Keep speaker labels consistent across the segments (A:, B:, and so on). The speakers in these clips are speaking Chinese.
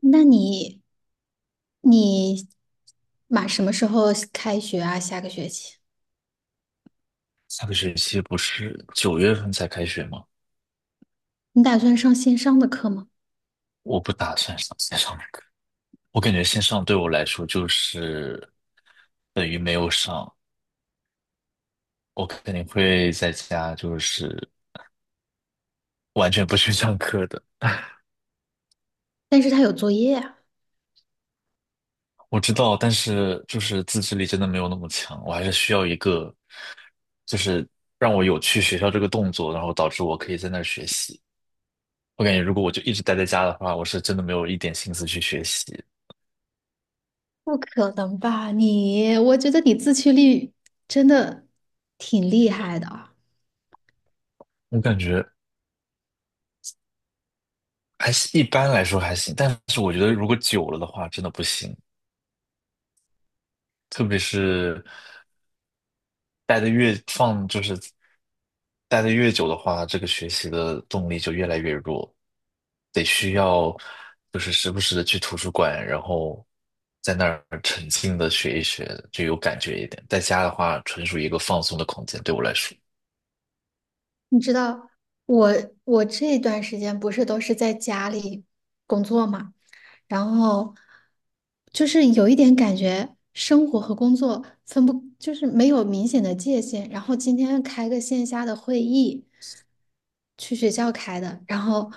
A: 那你马什么时候开学啊？下个学期
B: 下个学期不是九月份才开学吗？
A: 你打算上线上的课吗？
B: 我不打算上线上的课，我感觉线上对我来说就是等于没有上，我肯定会在家就是完全不去上课的。
A: 但是他有作业啊，
B: 我知道，但是就是自制力真的没有那么强，我还是需要一个就是让我有去学校这个动作，然后导致我可以在那儿学习。我感觉如果我就一直待在家的话，我是真的没有一点心思去学习。
A: 不可能吧？我觉得你自驱力真的挺厉害的啊。
B: 我感觉。还是一般来说还行，但是我觉得如果久了的话，真的不行。特别是待的越放，就是待的越久的话，这个学习的动力就越来越弱，得需要就是时不时的去图书馆，然后在那儿沉浸的学一学，就有感觉一点。在家的话，纯属一个放松的空间，对我来说。
A: 你知道我我这段时间不是都是在家里工作嘛，然后就是有一点感觉生活和工作分不，就是没有明显的界限。然后今天开个线下的会议。去学校开的，然后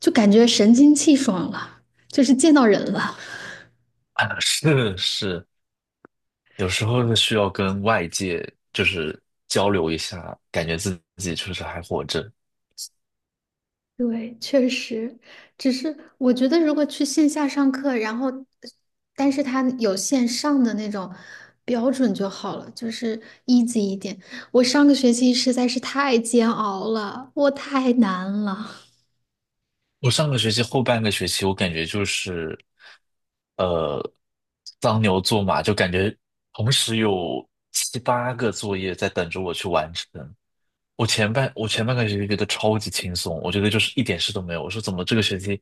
A: 就感觉神清气爽了，就是见到人了。
B: 啊，是是，有时候是需要跟外界就是交流一下，感觉自己确实还活着。
A: 对，确实，只是我觉得如果去线下上课，但是他有线上的那种标准就好了，就是 easy 一点。我上个学期实在是太煎熬了，我太难了，
B: 我上个学期后半个学期，我感觉就是，呃，当牛做马，就感觉同时有七八个作业在等着我去完成。我前半个学期觉得超级轻松，我觉得就是一点事都没有。我说怎么这个学期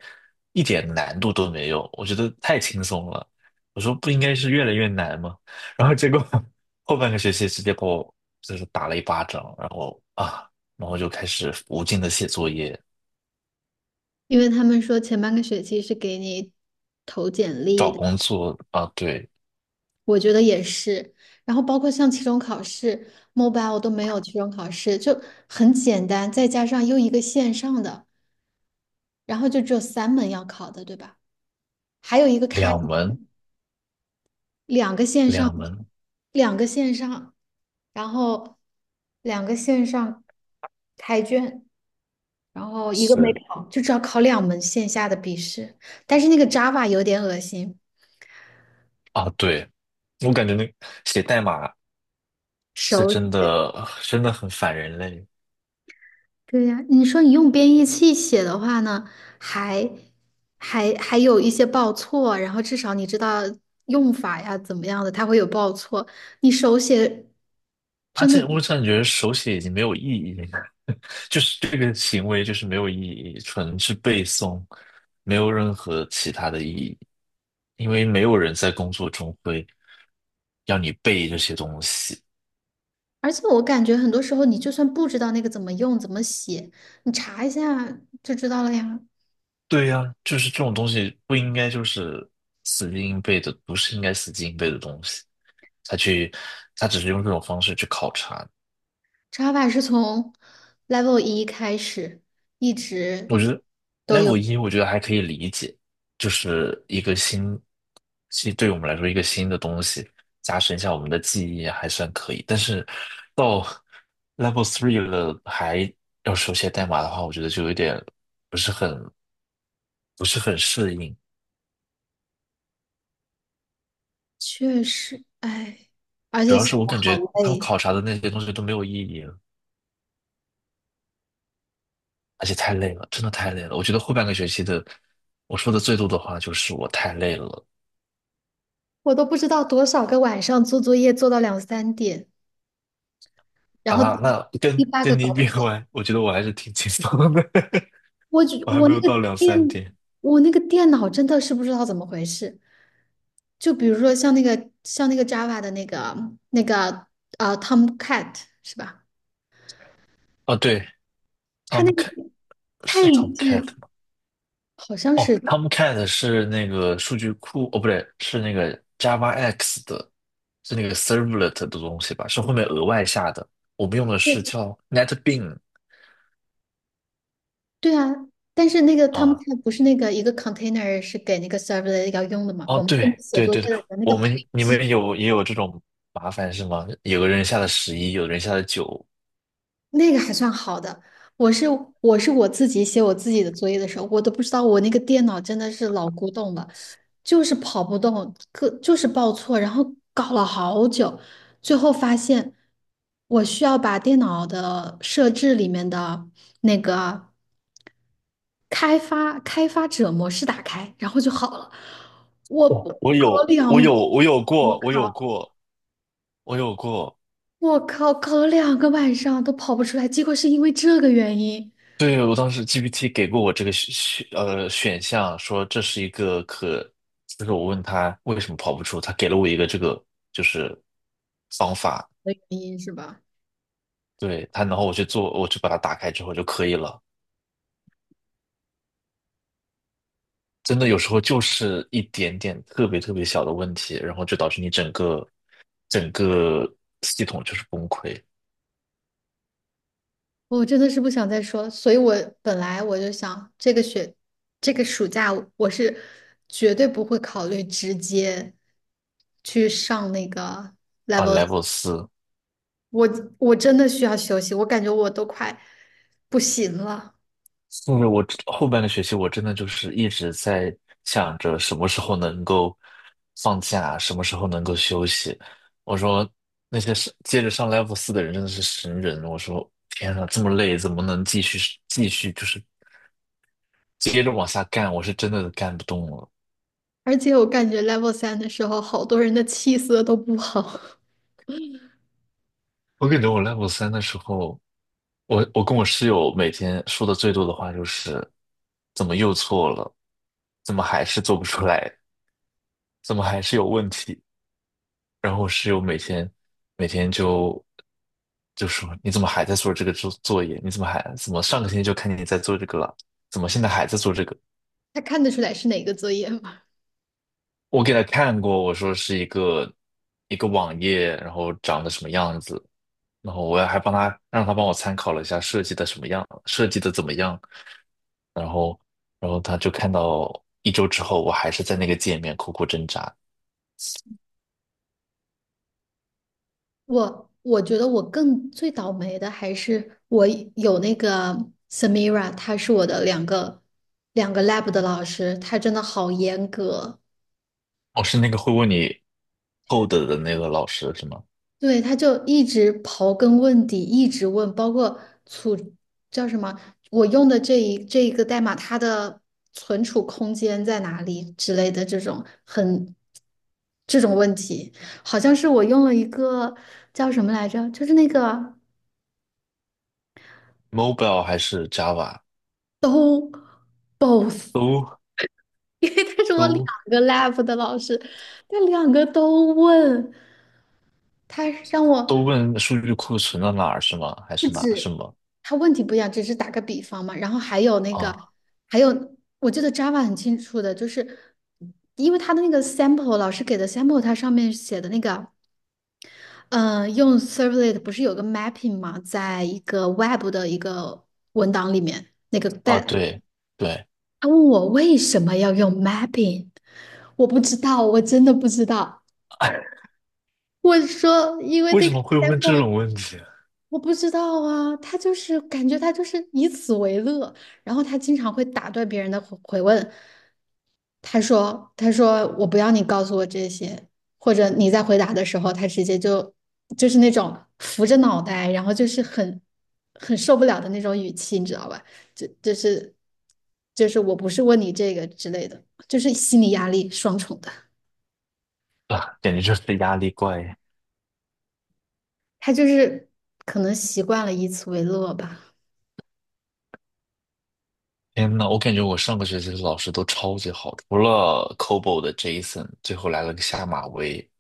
B: 一点难度都没有？我觉得太轻松了。我说不应该是越来越难吗？然后结果 后半个学期直接把我就是打了一巴掌，然后啊，然后就开始无尽的写作业、
A: 因为他们说前半个学期是给你投简历
B: 找
A: 的。
B: 工作啊，对。
A: 我觉得也是。然后包括像期中考试，mobile 都没有期中考试，就很简单，再加上又一个线上的，然后就只有3门要考的，对吧？还有一个开，
B: 两门，
A: 两个线上，
B: 两门
A: 两个线上，然后两个线上开卷，然后一个没
B: 是
A: 考，就只要考2门线下的笔试。但是那个 Java 有点恶心，
B: 啊，对，我感觉那写代码是真
A: 手。
B: 的，真的很反人类，
A: 对呀，你说你用编译器写的话呢，还还有一些报错，然后至少你知道用法呀怎么样的，它会有报错。你手写
B: 而
A: 真的，
B: 且我感觉手写已经没有意义了，就是这个行为就是没有意义，纯是背诵，没有任何其他的意义，因为没有人在工作中会要你背这些东西。
A: 而且我感觉很多时候你就算不知道那个怎么用、怎么写，你查一下就知道了呀。
B: 对呀，就是这种东西不应该就是死记硬背的，不是应该死记硬背的东西。他去，他只是用这种方式去考察。
A: 查法是从 Level 1开始一直
B: 我觉得
A: 都
B: level
A: 有，
B: 一，我觉得还可以理解，就是一个新，其实对我们来说一个新的东西，加深一下我们的记忆还算可以。但是 level three 了，还要手写代码的话，我觉得就有点不是很不是很适应。
A: 确实，哎，而
B: 主
A: 且
B: 要
A: 写的
B: 是我感
A: 好
B: 觉他们
A: 累。
B: 考察的那些东西都没有意义。而且太累了，真的太累了。我觉得后半个学期的，我说的最多的话就是我太累了
A: 我都不知道多少个晚上做作业做到两三点，然后第
B: 啊。那跟
A: 第八个
B: 跟你
A: 搞不
B: 比
A: 出来。
B: 完，我觉得我还是挺轻松的，
A: 我就
B: 我还
A: 我
B: 没
A: 那
B: 有到
A: 个
B: 两三
A: 电，
B: 点。
A: 我那个电脑真的是不知道怎么回事。就比如说像那个 Java 的那个 Tomcat 是吧？
B: 哦，对
A: 它那个
B: ，Tomcat
A: 配
B: 是 Tomcat
A: 置
B: 吗？
A: 好像
B: 哦
A: 是
B: ，Tomcat 是那个数据库，哦，不对，是那个 Java X 的，是那个 Servlet 的东西吧？是后面额外下的。我们用的是
A: 对
B: 叫 n e t b e a n
A: 对啊，但是那个
B: 啊。
A: Tomcat 不是那个一个 container 是给那个 server 要用的嘛？
B: 哦，
A: 我们这么
B: 对
A: 写
B: 对
A: 作业
B: 对对，
A: 的人那个
B: 我
A: 配
B: 们你
A: 置。
B: 们有也有这种麻烦是吗？有个人下了十一，有人下了九。
A: 那个还算好的。我是我是我自己写我自己的作业的时候，我都不知道我那个电脑真的是老古董了，就是跑不动，个就是报错，然后搞了好久，最后发现我需要把电脑的设置里面的那个开发者模式打开，然后就好了。我
B: 哦，我
A: 搞了
B: 有，我
A: 两个，
B: 有，我有
A: 我
B: 过，我有
A: 靠，
B: 过，我有过。
A: 我靠，搞了两个晚上都跑不出来，结果是因为这个原因
B: 对，我当时 GPT 给过我这个选项，说这是一个可，就是我问他为什么跑不出，他给了我一个这个就是方法，
A: 的原因是吧？
B: 对他，然后我去做，我去把它打开之后就可以了。真的有时候就是一点点特别特别小的问题，然后就导致你整个系统就是崩溃
A: 我真的是不想再说所以我本来我就想，这个学，这个暑假我是绝对不会考虑直接去上那个
B: 啊
A: level，
B: ，level 四。
A: 我我真的需要休息，我感觉我都快不行了，
B: 甚至我后半个学期，我真的就是一直在想着什么时候能够放假，什么时候能够休息。我说那些是接着上 level 四的人真的是神人。我说天呐，这么累，怎么能继续就是接着往下干？我是真的干不动了。
A: 而且我感觉 level 3的时候，好多人的气色都不好，
B: 我感觉我 level 3的时候。我跟我室友每天说的最多的话就是，怎么又错了？怎么还是做不出来？怎么还是有问题？然后我室友每天就说你怎么还在做这个作业？你怎么还怎么上个星期就看见你在做这个了？怎么现在还在做这个？
A: 他看得出来是哪个作业吗？
B: 我给他看过，我说是一个网页，然后长得什么样子，然后我还让他帮我参考了一下设计的什么样，设计的怎么样。然后，他就看到一周之后，我还是在那个界面苦苦挣扎。
A: 我觉得我更最倒霉的还是我有那个 Samira，她是我的两个 lab 的老师，她真的好严格，
B: 哦，是那个会问你 code 的那个老师是吗
A: 对，她就一直刨根问底，一直问，包括储叫什么，我用的这一个代码，它的存储空间在哪里之类的这种这种问题，好像是我用了一个叫什么来着，就是那个。
B: ？Mobile 还是 Java
A: 都 both
B: 都
A: 但是我两
B: 都
A: 个 lab 的老师，他两个都问，他让我
B: 都问数据库存到哪儿是吗？还是哪是吗？
A: 他问题不一样，只是打个比方嘛。
B: 啊
A: 还有我记得 Java 很清楚的，就是因为他的那个 sample 老师给的 sample，它上面写的那个，呃，用 servlet 不是有个 mapping 嘛，在一个 web 的一个文档里面，
B: 啊？
A: 但
B: 对对，
A: 他问我为什么要用 mapping，我不知道，我真的不知道。我说，因为
B: 为
A: 这
B: 什
A: 个
B: 么
A: 节
B: 会问这种
A: 目
B: 问题
A: 我不知道啊，他就是以此为乐，然后他经常会打断别人的回问，他说我不要你告诉我这些，或者你在回答的时候，他直接就那种扶着脑袋，然后就是很受不了的那种语气，你知道吧？就就是就是我不是问你这个之类的，就是心理压力双重的，
B: 啊？感觉就是压力怪。
A: 他就是可能习惯了以此为乐吧。
B: 天呐，我感觉我上个学期的老师都超级好的，除了 COBOL 的 Jason，最后来了个下马威，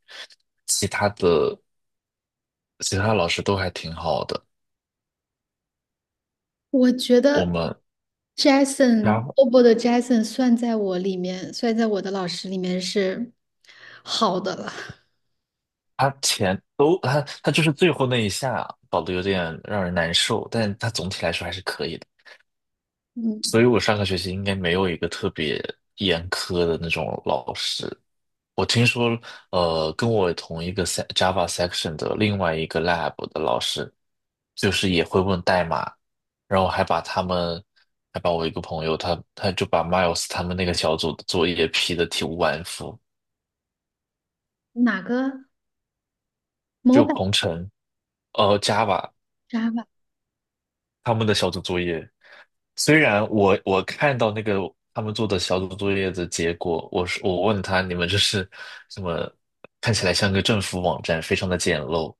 B: 其他的。其他老师都还挺好的。
A: 我觉
B: 我
A: 得
B: 们，然
A: Jason
B: 后
A: Obo 的 Jason 算在我的老师里面是好的了。
B: 他前都他他就是最后那一下搞得有点让人难受，但他总体来说还是可以的。所
A: 嗯，
B: 以我上个学期应该没有一个特别严苛的那种老师。我听说，跟我同一个 Java section 的另外一个 lab 的老师，就是也会问代码，然后还把我一个朋友，他就把 Miles 他们那个小组的作业批得体无完肤。
A: 哪个 m o
B: 就
A: b i l
B: 鹏程，Java
A: Java
B: 他们的小组作业，虽然我看到那个他们做的小组作业的结果，我问他你们这是什么？看起来像个政府网站，非常的简陋，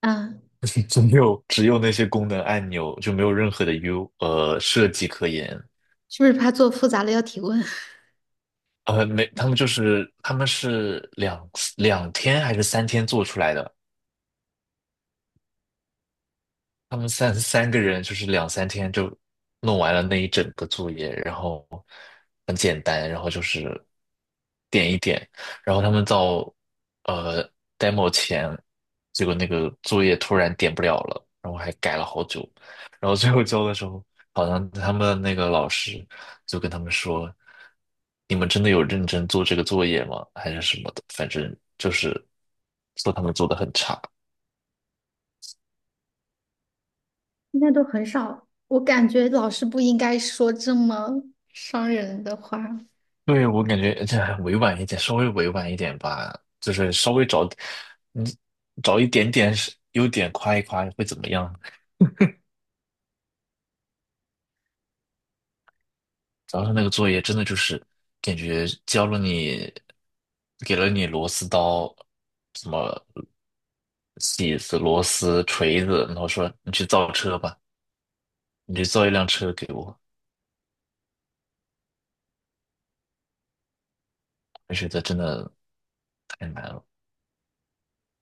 A: 啊？
B: 只有那些功能按钮，就没有任何的 设计可言。
A: 是不是怕做复杂了要提问？
B: 没，他们是两天还是三天做出来的，他们三个人就是两三天就弄完了那一整个作业，然后很简单，然后就是点一点，然后他们到呃 demo 前，结果那个作业突然点不了了，然后还改了好久，然后最后交的时候，好像他们那个老师就跟他们说："你们真的有认真做这个作业吗？还是什么的？反正就是说他们做的很差。"
A: 现在都很少，我感觉老师不应该说这么伤人的话。
B: 对，我感觉这还委婉一点，稍微委婉一点吧，就是稍微找，你找一点点是优点夸一夸会怎么样？主要是那个作业真的就是感觉教了你，给了你螺丝刀，什么起子、螺丝、锤子，然后说你去造车吧，你去造一辆车给我，我觉得真的太难了。